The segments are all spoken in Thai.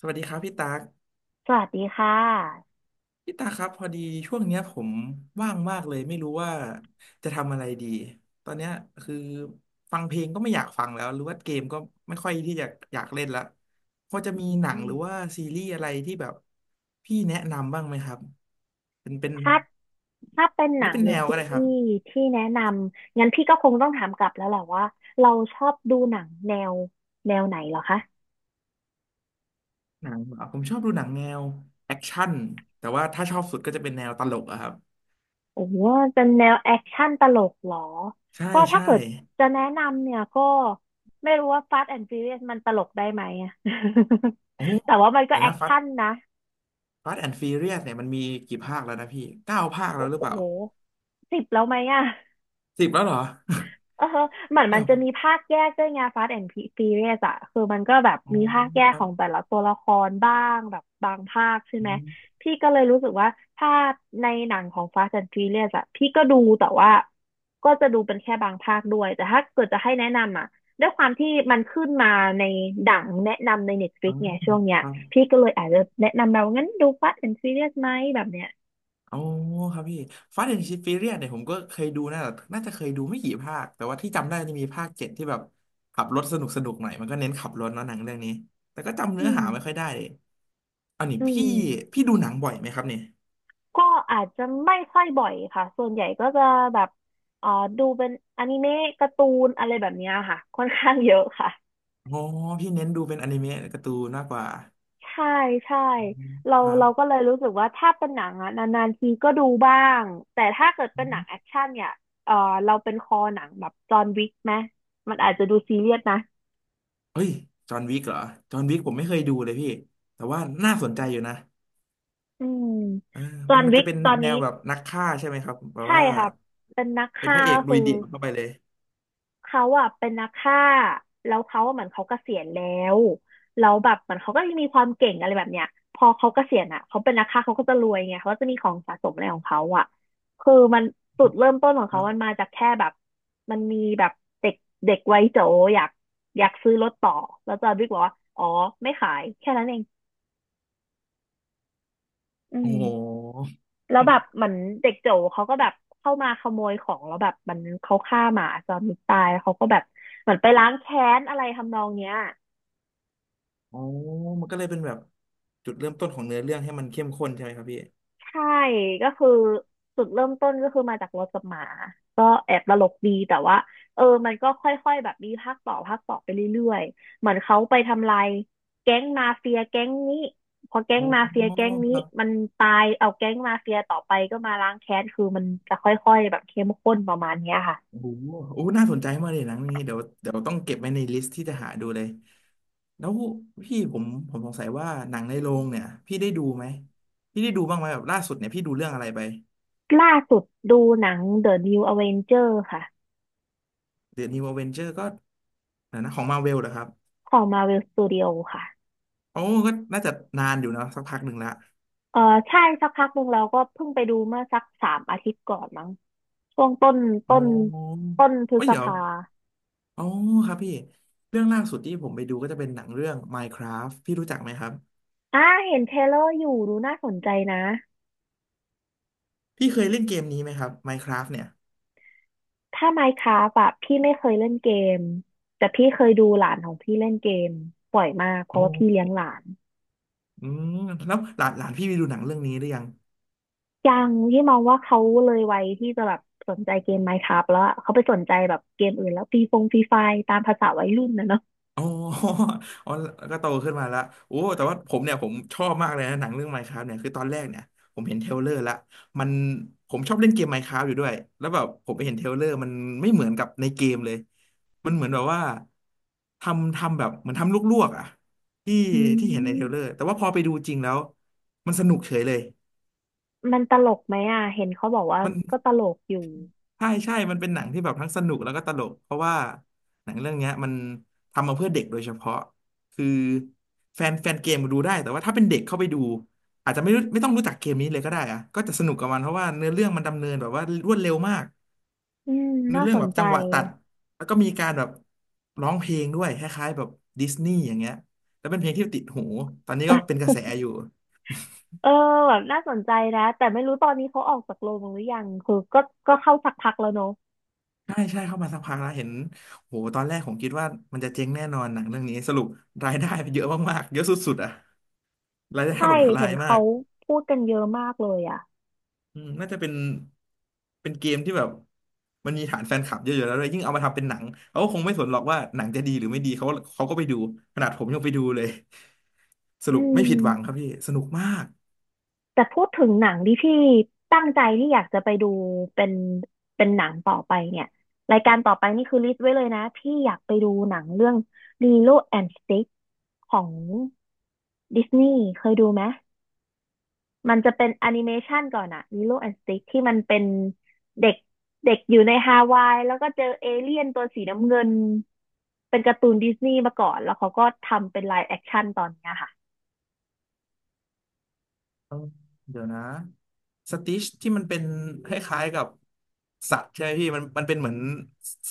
สวัสดีครับพี่ตากสวัสดีค่ะพี่ตากครับพอดีช่วงเนี้ยผมว่างมากเลยไม่รู้ว่าจะทำอะไรดีตอนเนี้ยคือฟังเพลงก็ไม่อยากฟังแล้วหรือว่าเกมก็ไม่ค่อยที่จะอยากเล่นละพอจะอืมีหนังหรืมอว่าซีรีส์อะไรที่แบบพี่แนะนำบ้างไหมครับเป็นถ้าถ้าเป็นหหรืนัองเป็นหรืแนอวซีก็ได้ครีรับส์ที่แนะนำ งั้นพี่ก็คงต้องถามกลับแล้วแหละว่าเราชอบดูหนังแนวไหนเหรอคะ หนังเหรอผมชอบดูหนังแนวแอคชั่นแต่ว่าถ้าชอบสุดก็จะเป็นแนวตลกอะครับโอ้โหเป็นแนวแอคชั่นตลกเหรอใช่ก็ถ้าใช่เกิดจะแนะนำเนี่ยก็ไม่รู้ว่า Fast and Furious มันตลกได้ไหมอะ โอ้โห แต่ว่ามันก็แอเนะคฟัด ชั่นนะ Fast and Furious เนี่ยมันมีกี่ภาคแล้วนะพี่เก้าภาคแล้โอ้วหรือโห เปล่าสิบแล้วไหมอะ สิบแล้วเหรอ เออเหมือน มัเนี่นยจะมีภาคแยกด้วยไง Fast and Furious อะคือมันก็แบบอ๋อมีภาคแยคกรัขบองแต่ละตัวละครบ้างแบบบางภาคใช่อืไหมมพี่ก็เลยรู้สึกว่าถ้าในหนังของ Fast and Furious อะพี่ก็ดูแต่ว่าก็จะดูเป็นแค่บางภาคด้วยแต่ถ้าเกิดจะให้แนะนำอะด้วยความที่มันขึ้นมาในดังแนะนำใน อ Netflix มไงช่วงเนี้คยรับพี่ก็เลยอาจจะแนะนำเรางั้นดู Fast and Furious ไหมแบบเนี้ยอ๋อครับพี่ Fast and Furious เนี่ยผมก็เคยดูนะแต่น่าจะเคยดูไม่กี่ภาคแต่ว่าที่จำได้จะมีภาคเจ็ดที่แบบขับรถสนุกหน่อยมันก็เน้นขับรถเนาะหนังเรื่องนี้แต่ก็จำอืเนื้อมหาไม่ค่อยได้เลยอันนี้อืพี่ม พี่ดูหนังบ่อยไหมครับเนี่ยก็อาจจะไม่ค่อยบ่อยค่ะ ส่วนใหญ่ก็จะแบบเอ่อดูเป็นอนิเมะการ์ตูนอะไรแบบเนี้ยค่ะ ค่อนข้างเยอะค่ะอ๋อพี่เน้นดูเป็นอนิเมะการ์ตูนมากกว่าใช่ใช่อืมเราครับ เราก็เลยรู้สึกว่าถ้าเป็นหนังอะนานๆทีก็ดูบ้างแต่ถ้าเกิดเป็นหนังแอคชั่นเนี่ยเออเราเป็นคอหนังแบบจอห์นวิกไหมมันอาจจะดูซีเรียสนะเฮ้ยจอห์นวิกเหรอจอห์นวิกผมไม่เคยดูเลยพี่แต่ว่าน่าสนใจอยู่นะอืมเออจอมันห์นมันวิจะกเป็นตอนแนนี้วแบบนักฆ่าใช่ไหมครับแบบใช่ว่าค่ะเป็นนักเป็นพฆ่าระเอกลุคืยอ เดี่ยวเข้าไปเลยเขาอ่ะเป็นนักฆ่าแล้วเขาอะเหมือนเขาเกษียณแล้วแล้วแบบเหมือนเขาก็ยังมีความเก่งอะไรแบบเนี้ยพอเขาเกษียณอ่ะเขาเป็นนักฆ่าเขาก็จะรวยไงเขาก็จะมีของสะสมอะไรของเขาอ่ะคือมันจุดเริ่มต้นของคเขารัมันบมาจากแค่แบบมันมีแบบเด็กเด็กวัยโจอยากอยากซื้อรถต่อแล้วจอห์นวิกบอกว่าอ๋อไม่ขายแค่นั้นเองอืโอ้โมห แล้วแบบ เหมือนเด็กโจเขาก็แบบเข้ามาขโมยของแล้วแบบมันเขาฆ่าหมาจอห์นวิกตายแล้วเขาก็แบบเหมือนไปล้างแค้นอะไรทำนองเนี้ย อ๋อมันก็เลยเป็นแบบจุดเริ่มต้นของเนื้อเรื่องให้มันเข้มข้นใช่ไหมครับพี่ใช่ก็คือจุดเริ่มต้นก็คือมาจากรถกับหมาก็แอบตลกดีแต่ว่าเออมันก็ค่อยๆแบบมีภาคต่อภาคต่อไปเรื่อยๆเหมือนเขาไปทำลายแก๊งมาเฟียแก๊งนี้พอแก๊อ๋งอมาเฟียแก๊งคนี้รับมันตายเอาแก๊งมาเฟียต่อไปก็มาล้างแค้นคือมันจะค่อยๆแบบเข้มข้นประมาณเนี้ยค่ะโอ้โหโอ้น่าสนใจมากเลยหนังนี้เดี๋ยวต้องเก็บไว้ในลิสต์ที่จะหาดูเลยแล้วพี่ผมสงสัยว่าหนังในโรงเนี่ยพี่ได้ดูไหมพี่ได้ดูบ้างไหมแบบล่าสุดเนี่ยพี่ดูเรื่องอะไรไป ล่าสุดดูหนัง The New Avenger ค่ะเดอะนิวอเวนเจอร์ก็นะนะของมาเวลเหรอครับของ Marvel Studio ค่ะ โอ้ก็น่าจะนานอยู่นะสักพักหนึ่งละเออใช่สักพักหนึ่งเราก็เพิ่งไปดูเมื่อสักสามอาทิตย์ก่อนมั้งช่วงโอต้น้ต้นพฤโอ้ยษเดี๋ยวภาโอ้ครับพี่เรื่องล่าสุดที่ผมไปดูก็จะเป็นหนังเรื่อง Minecraft พี่รู้จักไหมครับอ่าเห็นเทรลเลอร์อยู่ดูน่าสนใจนะพี่เคยเล่นเกมนี้ไหมครับ Minecraft เนี่ยถ้าไม n ์คร a f t อะพี่ไม่เคยเล่นเกมแต่พี่เคยดูหลานของพี่เล่นเกมบ่อยมากเพโอราะว่าพี่เลี้ย้งหลานอืมแล้วหลานหลานพี่ไปดูหนังเรื่องนี้หรือยัง ยังที่มองว่าเขาเลยวัยที่จะแบบสนใจเกมไม n ์ค r า f t แล้วอะเขาไปสนใจแบบเกมอื่นแล้วฟรีฟงฟรีไฟตามภาษาวัยรุ่นนะเนาะอ๋อ อ๋อก็โตขึ้นมาแล้วโอ้แต่ว่าผมเนี่ยผมชอบมากเลยนะหนังเรื่อง Minecraft เนี่ยคือตอนแรกเนี่ยผมเห็นเทรลเลอร์ละมันผมชอบเล่นเกม Minecraft อยู่ด้วย แล้วแบบผมไปเห็นเทรลเลอร์มันไม่เหมือนกับในเกมเลย มันเหมือนแบบว่าทำแบบเหมือนทำลวกๆอ่ะที่อืที่เห็นในเทรลเลอร์มแต่ว่าพอไปดูจริงแล้วมันสนุกเฉยเลยมันตลกไหมอ่ะเห็นเขาบอกว่ามัน ก็ตลกอยู่ ใช่ใช่ มันเป็นหนังที่แบบทั้งสนุกแล้วก็ตลก เพราะว่าหนังเรื่องเนี้ยมันทำมาเพื่อเด็กโดยเฉพาะคือแฟนเกมดูได้แต่ว่าถ้าเป็นเด็กเข้าไปดูอาจจะไม่รู้ไม่ต้องรู้จักเกมนี้เลยก็ได้อะก็จะสนุกกับมันเพราะว่าเนื้อเรื่องมันดำเนินแบบว่ารวดเร็วมากอืมเนื้อน่าเรื่อสงแบนบใจจังหวะตัดแล้วก็มีการแบบร้องเพลงด้วยคล้ายๆแบบดิสนีย์อย่างเงี้ยแล้วเป็นเพลงที่ติดหู ตอนนี้ก็เป็นกระแสอยู่ เออแบบน่าสนใจนะ แต่ไม่รู้ตอนนี้เขาออกจากโรงหรือยังคือก็ก็เข้าสักพักแล้วเนอะ ใช่ใช่เข้ามาสักพักแล้วเห็นโหตอนแรกผมคิดว่ามันจะเจ๊งแน่นอนหนังเรื่องนี้สรุปรายได้เยอะมากๆเยอะสุดๆอ่ะรายได้ถใช่ ล่มทลาเห็ยนมาเขากพูดกันเยอะมากเลยอ่ะอืมน่าจะเป็นเป็นเกมที่แบบมันมีฐานแฟนคลับเยอะๆแล้วด้วยยิ่งเอามาทำเป็นหนังเขาก็คงไม่สนหรอกว่าหนังจะดีหรือไม่ดีเขาเขาก็ไปดูขนาดผมยังไปดูเลยสอืรุปไม่ผิดหวังคมรับพี่สนุกมาก แต่พูดถึงหนังที่พี่ตั้งใจที่อยากจะไปดูเป็นหนังต่อไปเนี่ย รายการต่อไปนี่คือลิสต์ไว้เลยนะ พี่อยากไปดูหนังเรื่อง Lilo and Stitch ของดิสนีย์เคยดูไหม มันจะเป็นแอนิเมชันก่อนอะมิโลแอนด์สติกที่มันเป็นเด็กเด็กอยู่ในฮาวายแล้วก็เจอเอเลี่ยนตัวสีน้ำเงินเป็นการ์ตูนดิสนีย์มาก่อนแล้วเขาก็ทำเป็นไลฟ์แอคชั่นตอนเนี้ยค่ะเอ้าเดี๋ยวนะสติชที่มันเป็นคล้ายๆกับสัตว์ใช่ไหมพี่มันเป็นเหมือน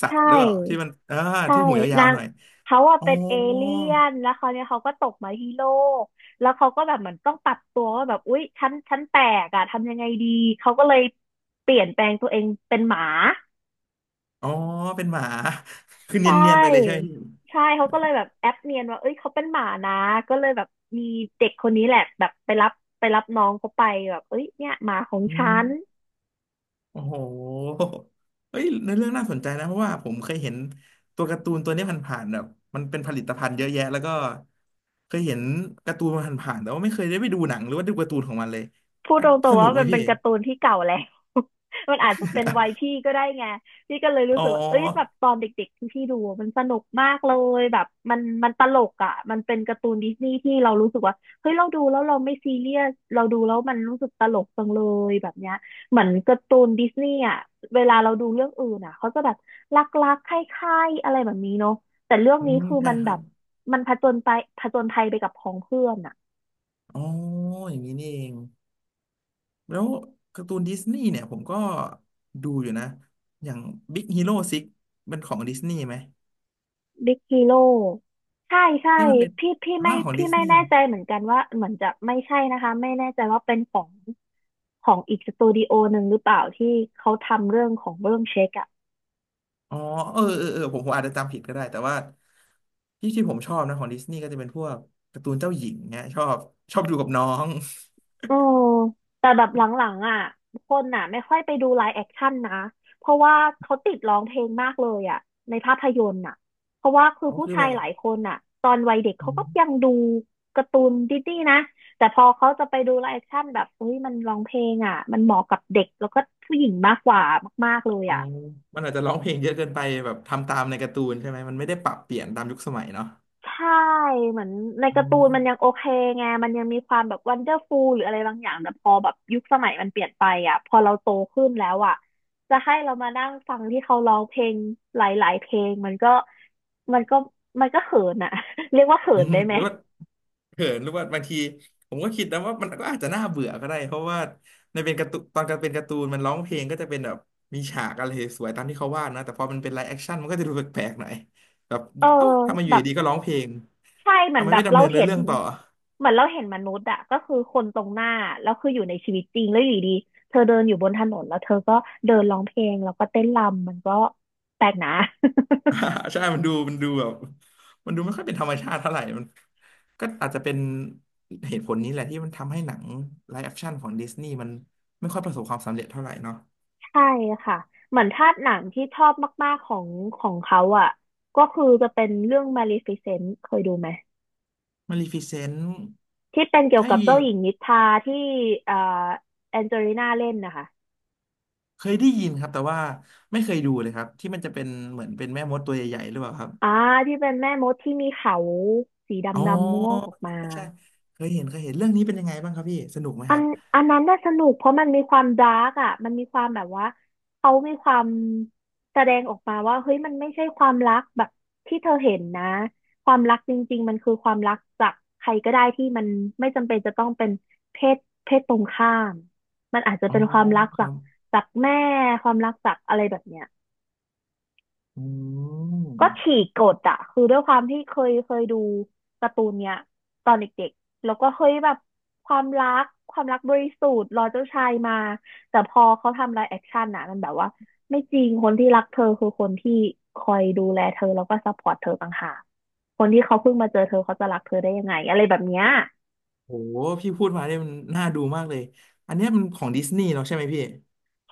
สัตใช่ว์หรือเปล่าที่มันใช่ที่หูยานาวงๆหน่อยเขาอะอ๋อเป็นเอเลี่ยนแล้วเขาวเนี่ยเขาก็ตกมาที่โลกแล้วเขาก็แบบเหมือนต้องปรับตัวว่าแบบอุ๊ยฉันแปลกอะทำยังไงดีเขาก็เลยเปลี่ยนแปลงตัวเองเป็นหมา อ๋อเป็นหมา คือใชเนียนๆไปเลยใช่ไห่ มพี่ใช่ เขาก็เลยแบบแอปเนียนว่าเอ้ยเขาเป็นหมานะ ก็เลยแบบมีเด็กคนนี้แหละแบบไปรับน้องเขาไปแบบเอ้ยเนี่ยหมาของอืฉัมน โอ้โหเฮ้ยในเรื่องน่าสนใจนะเพราะว่าผมเคยเห็นตัวการ์ตูนตัวนี้ผ่านๆแบบมันเป็นผลิตภัณฑ์เยอะแยะแล้วก็เคยเห็นการ์ตูนมันผ่านๆแต่ว่าไม่เคยได้ไปดูหนังหรือว่าดูการ์ตูนของมันเลยพูดอัตนรสงๆนุว่ากไหมมันเป็พี่ นการ์ตูนที่เก่าแล้ว มันอาจจะเป็นวัยพี่ ก็ได้ไงพี่ก็เลยรู้อ๋อ สึกว่าเอ้ยแบบตอนเด็กๆที่พี่ดูอะมันสนุกมากเลยแบบมันมันตลกอ่ะ มันเป็นการ์ตูนดิสนีย์ที่เรารู้สึกว่าเฮ้ยเราดูแล้วเราไม่ซีเรียสเราดูแล้วมันรู้สึกตลกจังเลยแบบเนี้ยเหมือนการ์ตูนดิสนีย์อ่ะ เวลาเราดูเรื่องอื่นอ่ะเขาจะแบบรักๆใคล้ายๆอะไรแบบนี้เนาะแต่เรื่องอืนี้มคือใช่มันคแบรับ บมันผจญภัยไปกับพ้องเพื่อนอ่ะ อ๋ออย่างนี้นี่เองแล้วการ์ตูนดิสนีย์เนี่ยผมก็ดูอยู่นะอย่าง Big Hero 6เป็นของดิสนีย์ไหมบิ๊กฮีโร่ใช่ใช่ที่มันเป็นพี่พี่อ่าไม่ของพี่ดิสไม่นีย์แน่ใจเหมือนกันว่าเหมือนจะไม่ใช่นะคะไม่แน่ใจว่าเป็นของอีกสตูดิโอหนึ่งหรือเปล่าที่เขาทำเรื่องเช็คอะ อ๋อเออผมอาจจะจำผิดก็ได้แต่ว่าที่ผมชอบนะของดิสนีย์ก็จะเป็นพวกการ์ตูนเจ้าหญิงเนี่ยชอบชอบดูกับน้องเออแต่แบบหลังๆอ่ะคนอ่ะไม่ค่อยไปดูไลฟ์แอคชั่นนะเพราะว่าเขาติดร้องเพลงมากเลยอ่ะในภาพยนตร์อ่ะเพราะว่าคือเขาผู้คือชาแบยบหลายคนอ่ะตอนวัยเด็กเขาอืก็ยังมดูการ์ตูนดิสนีย์นะแต่พอเขาจะไปดูไลฟ์แอคชั่นแบบเฮ้ยมันร้องเพลงอ่ะมันเหมาะกับเด็กแล้วก็ผู้หญิงมากกว่ามากๆเลยอ๋ออ่ะ มันอาจจะร้องเพลงเยอะเกินไปแบบทำตามในการ์ตูนใช่ไหมมันไม่ได้ปรับเปลี่ยนตามยุคสมัยเนาะใช่เหมือนในอ๋อ การ์ตูนมันยังโอเคไงมันยังมีความแบบวันเดอร์ฟูลหรืออะไรบางอย่างแต่พอแบบยุคสมัยมันเปลี่ยนไปอ่ะพอเราโตขึ้นแล้วอ่ะจะให้เรามานั่งฟังที่เขาร้องเพลงหลายๆเพลงมันก็มันก็เขินอ่ะ เรียกว่าเขิ อืนมได้ไหหมรือว่าเขินหรือว่าบางทีผมก็คิดนะว่ามันก็อาจจะน่าเบื่อก็ได้เพราะว่าในเป็นการ์ตูนตอนการเป็นการ์ตูนมันร้องเพลงก็จะเป็นแบบมีฉากอะไรสวยๆตามที่เขาวาดนะแต่พอมันเป็นไลฟ์แอคชั่นมันก็จะดูแปลกๆหน่อยแบบเออเอ้าทำไมอแบยู่บดีๆก็ร้องเพลงใช่เหมือทำนไมแบไม่บดำเราเนินเนื้เห็อนเรื่องต่อเหมือนเราเห็นมนุษย์อ่ะก็คือคนตรงหน้าแล้วคืออยู่ในชีวิตจริงแล้วอยู่ดีๆเธอเดินอยู่บนถนนแล้วเธอก็เดินร้องเพลงแล้วก็เต้นรำมันก็แปลกนะ อ่า ใช่มันดูแบบมันดูไม่ค่อยเป็นธรรมชาติเท่าไหร่มันก็อาจจะเป็นเหตุผลนี้แหละที่มันทำให้หนังไลฟ์แอคชั่นของดิสนีย์มันไม่ค่อยประสบความสำเร็จเท่าไหร่เนาะ ใช่ค่ะเหมือนถ้าหนังที่ชอบมากๆของเขาอ่ะก็คือจะเป็นเรื่อง Maleficent เคยดูไหมมาลีฟิเซนต์ที่เป็นเกี่ยวใช่กับเจ้าหญิงนิทราที่เอ่อแอนเจลิน่าเล่นนะคะเคยได้ยินครับแต่ว่าไม่เคยดูเลยครับที่มันจะเป็นเหมือนเป็นแม่มดตัวใหญ่ๆหรือเปล่าครับอ่าที่เป็นแม่มดที่มีเขาสีดอ๋อำๆงอกออกมา ใช่ใช่เคยเห็นเรื่องนี้เป็นยังไงบ้างครับพี่สนุกไหมอัคนรับอันนั้นน่าสนุกเพราะมันมีความดาร์กอ่ะมันมีความแบบว่าเขามีความแสดงออกมาว่าเฮ้ยมันไม่ใช่ความรักแบบที่เธอเห็นนะความรักจริงๆมันคือความรักจากใครก็ได้ที่มันไม่จำเป็นจะต้องเป็นเพศเพศตรงข้ามมันอาจจะอ๋อเป็นความรักคจารักบจากแม่ความรักจากอะไรแบบเนี้ย อืมก็ฉีกกฎอะคือด้วยความที่เคยดูการ์ตูนเนี้ยตอนเด็กๆแล้วก็เฮ้ยแบบความรักความรักบริสุทธิ์รอเจ้าชายมาแต่พอเขาทำไลฟ์แอคชั่นอะมันแบบว่าไม่จริงคนที่รักเธอคือคนที่คอยดูแลเธอแล้วก็ซัพพอร์ตเธอต่างหากคนที่เขาเพิ่งมาเจอเธอเขาจะรักเธอได้ยังไงอะไรแบบเนี้ยโหพี่พูดมาเนี่ยมันน่าดูมากเลยอันเนี้ยมันของดิสนีย์เนาะใช่ไหมพี่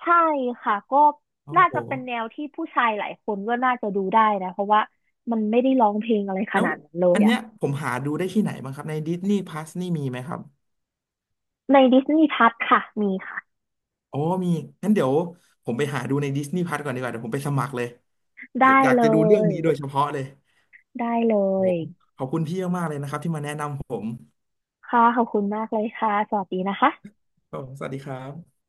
ใช่ค่ะก็โอ้น่าโหจะเป็นแนวที่ผู้ชายหลายคนก็น่าจะดูได้นะเพราะว่ามันไม่ได้ร้องเพลงอะไรขแล้วนาดนั้นเลยอันอะเนี้ยผมหาดูได้ที่ไหนบ้างครับในดิสนีย์พลัสนี่มีไหมครับในดิสนีย์พัทค่ะมีค่ะ โอ้มีงั้นเดี๋ยวผมไปหาดูในดิสนีย์พลัสก่อนดีกว่าเดี๋ยวผมไปสมัครเลย ได้อยากเลจะดูเรื่องย นี้โดยเฉพาะเลยได้เลโอ้โหยขอบคุณพี่มากๆเลยนะครับที่มาแนะนำผมค่ะขอบคุณมากเลยค่ะ สวัสดีนะคะครับผมสวัสดีครับ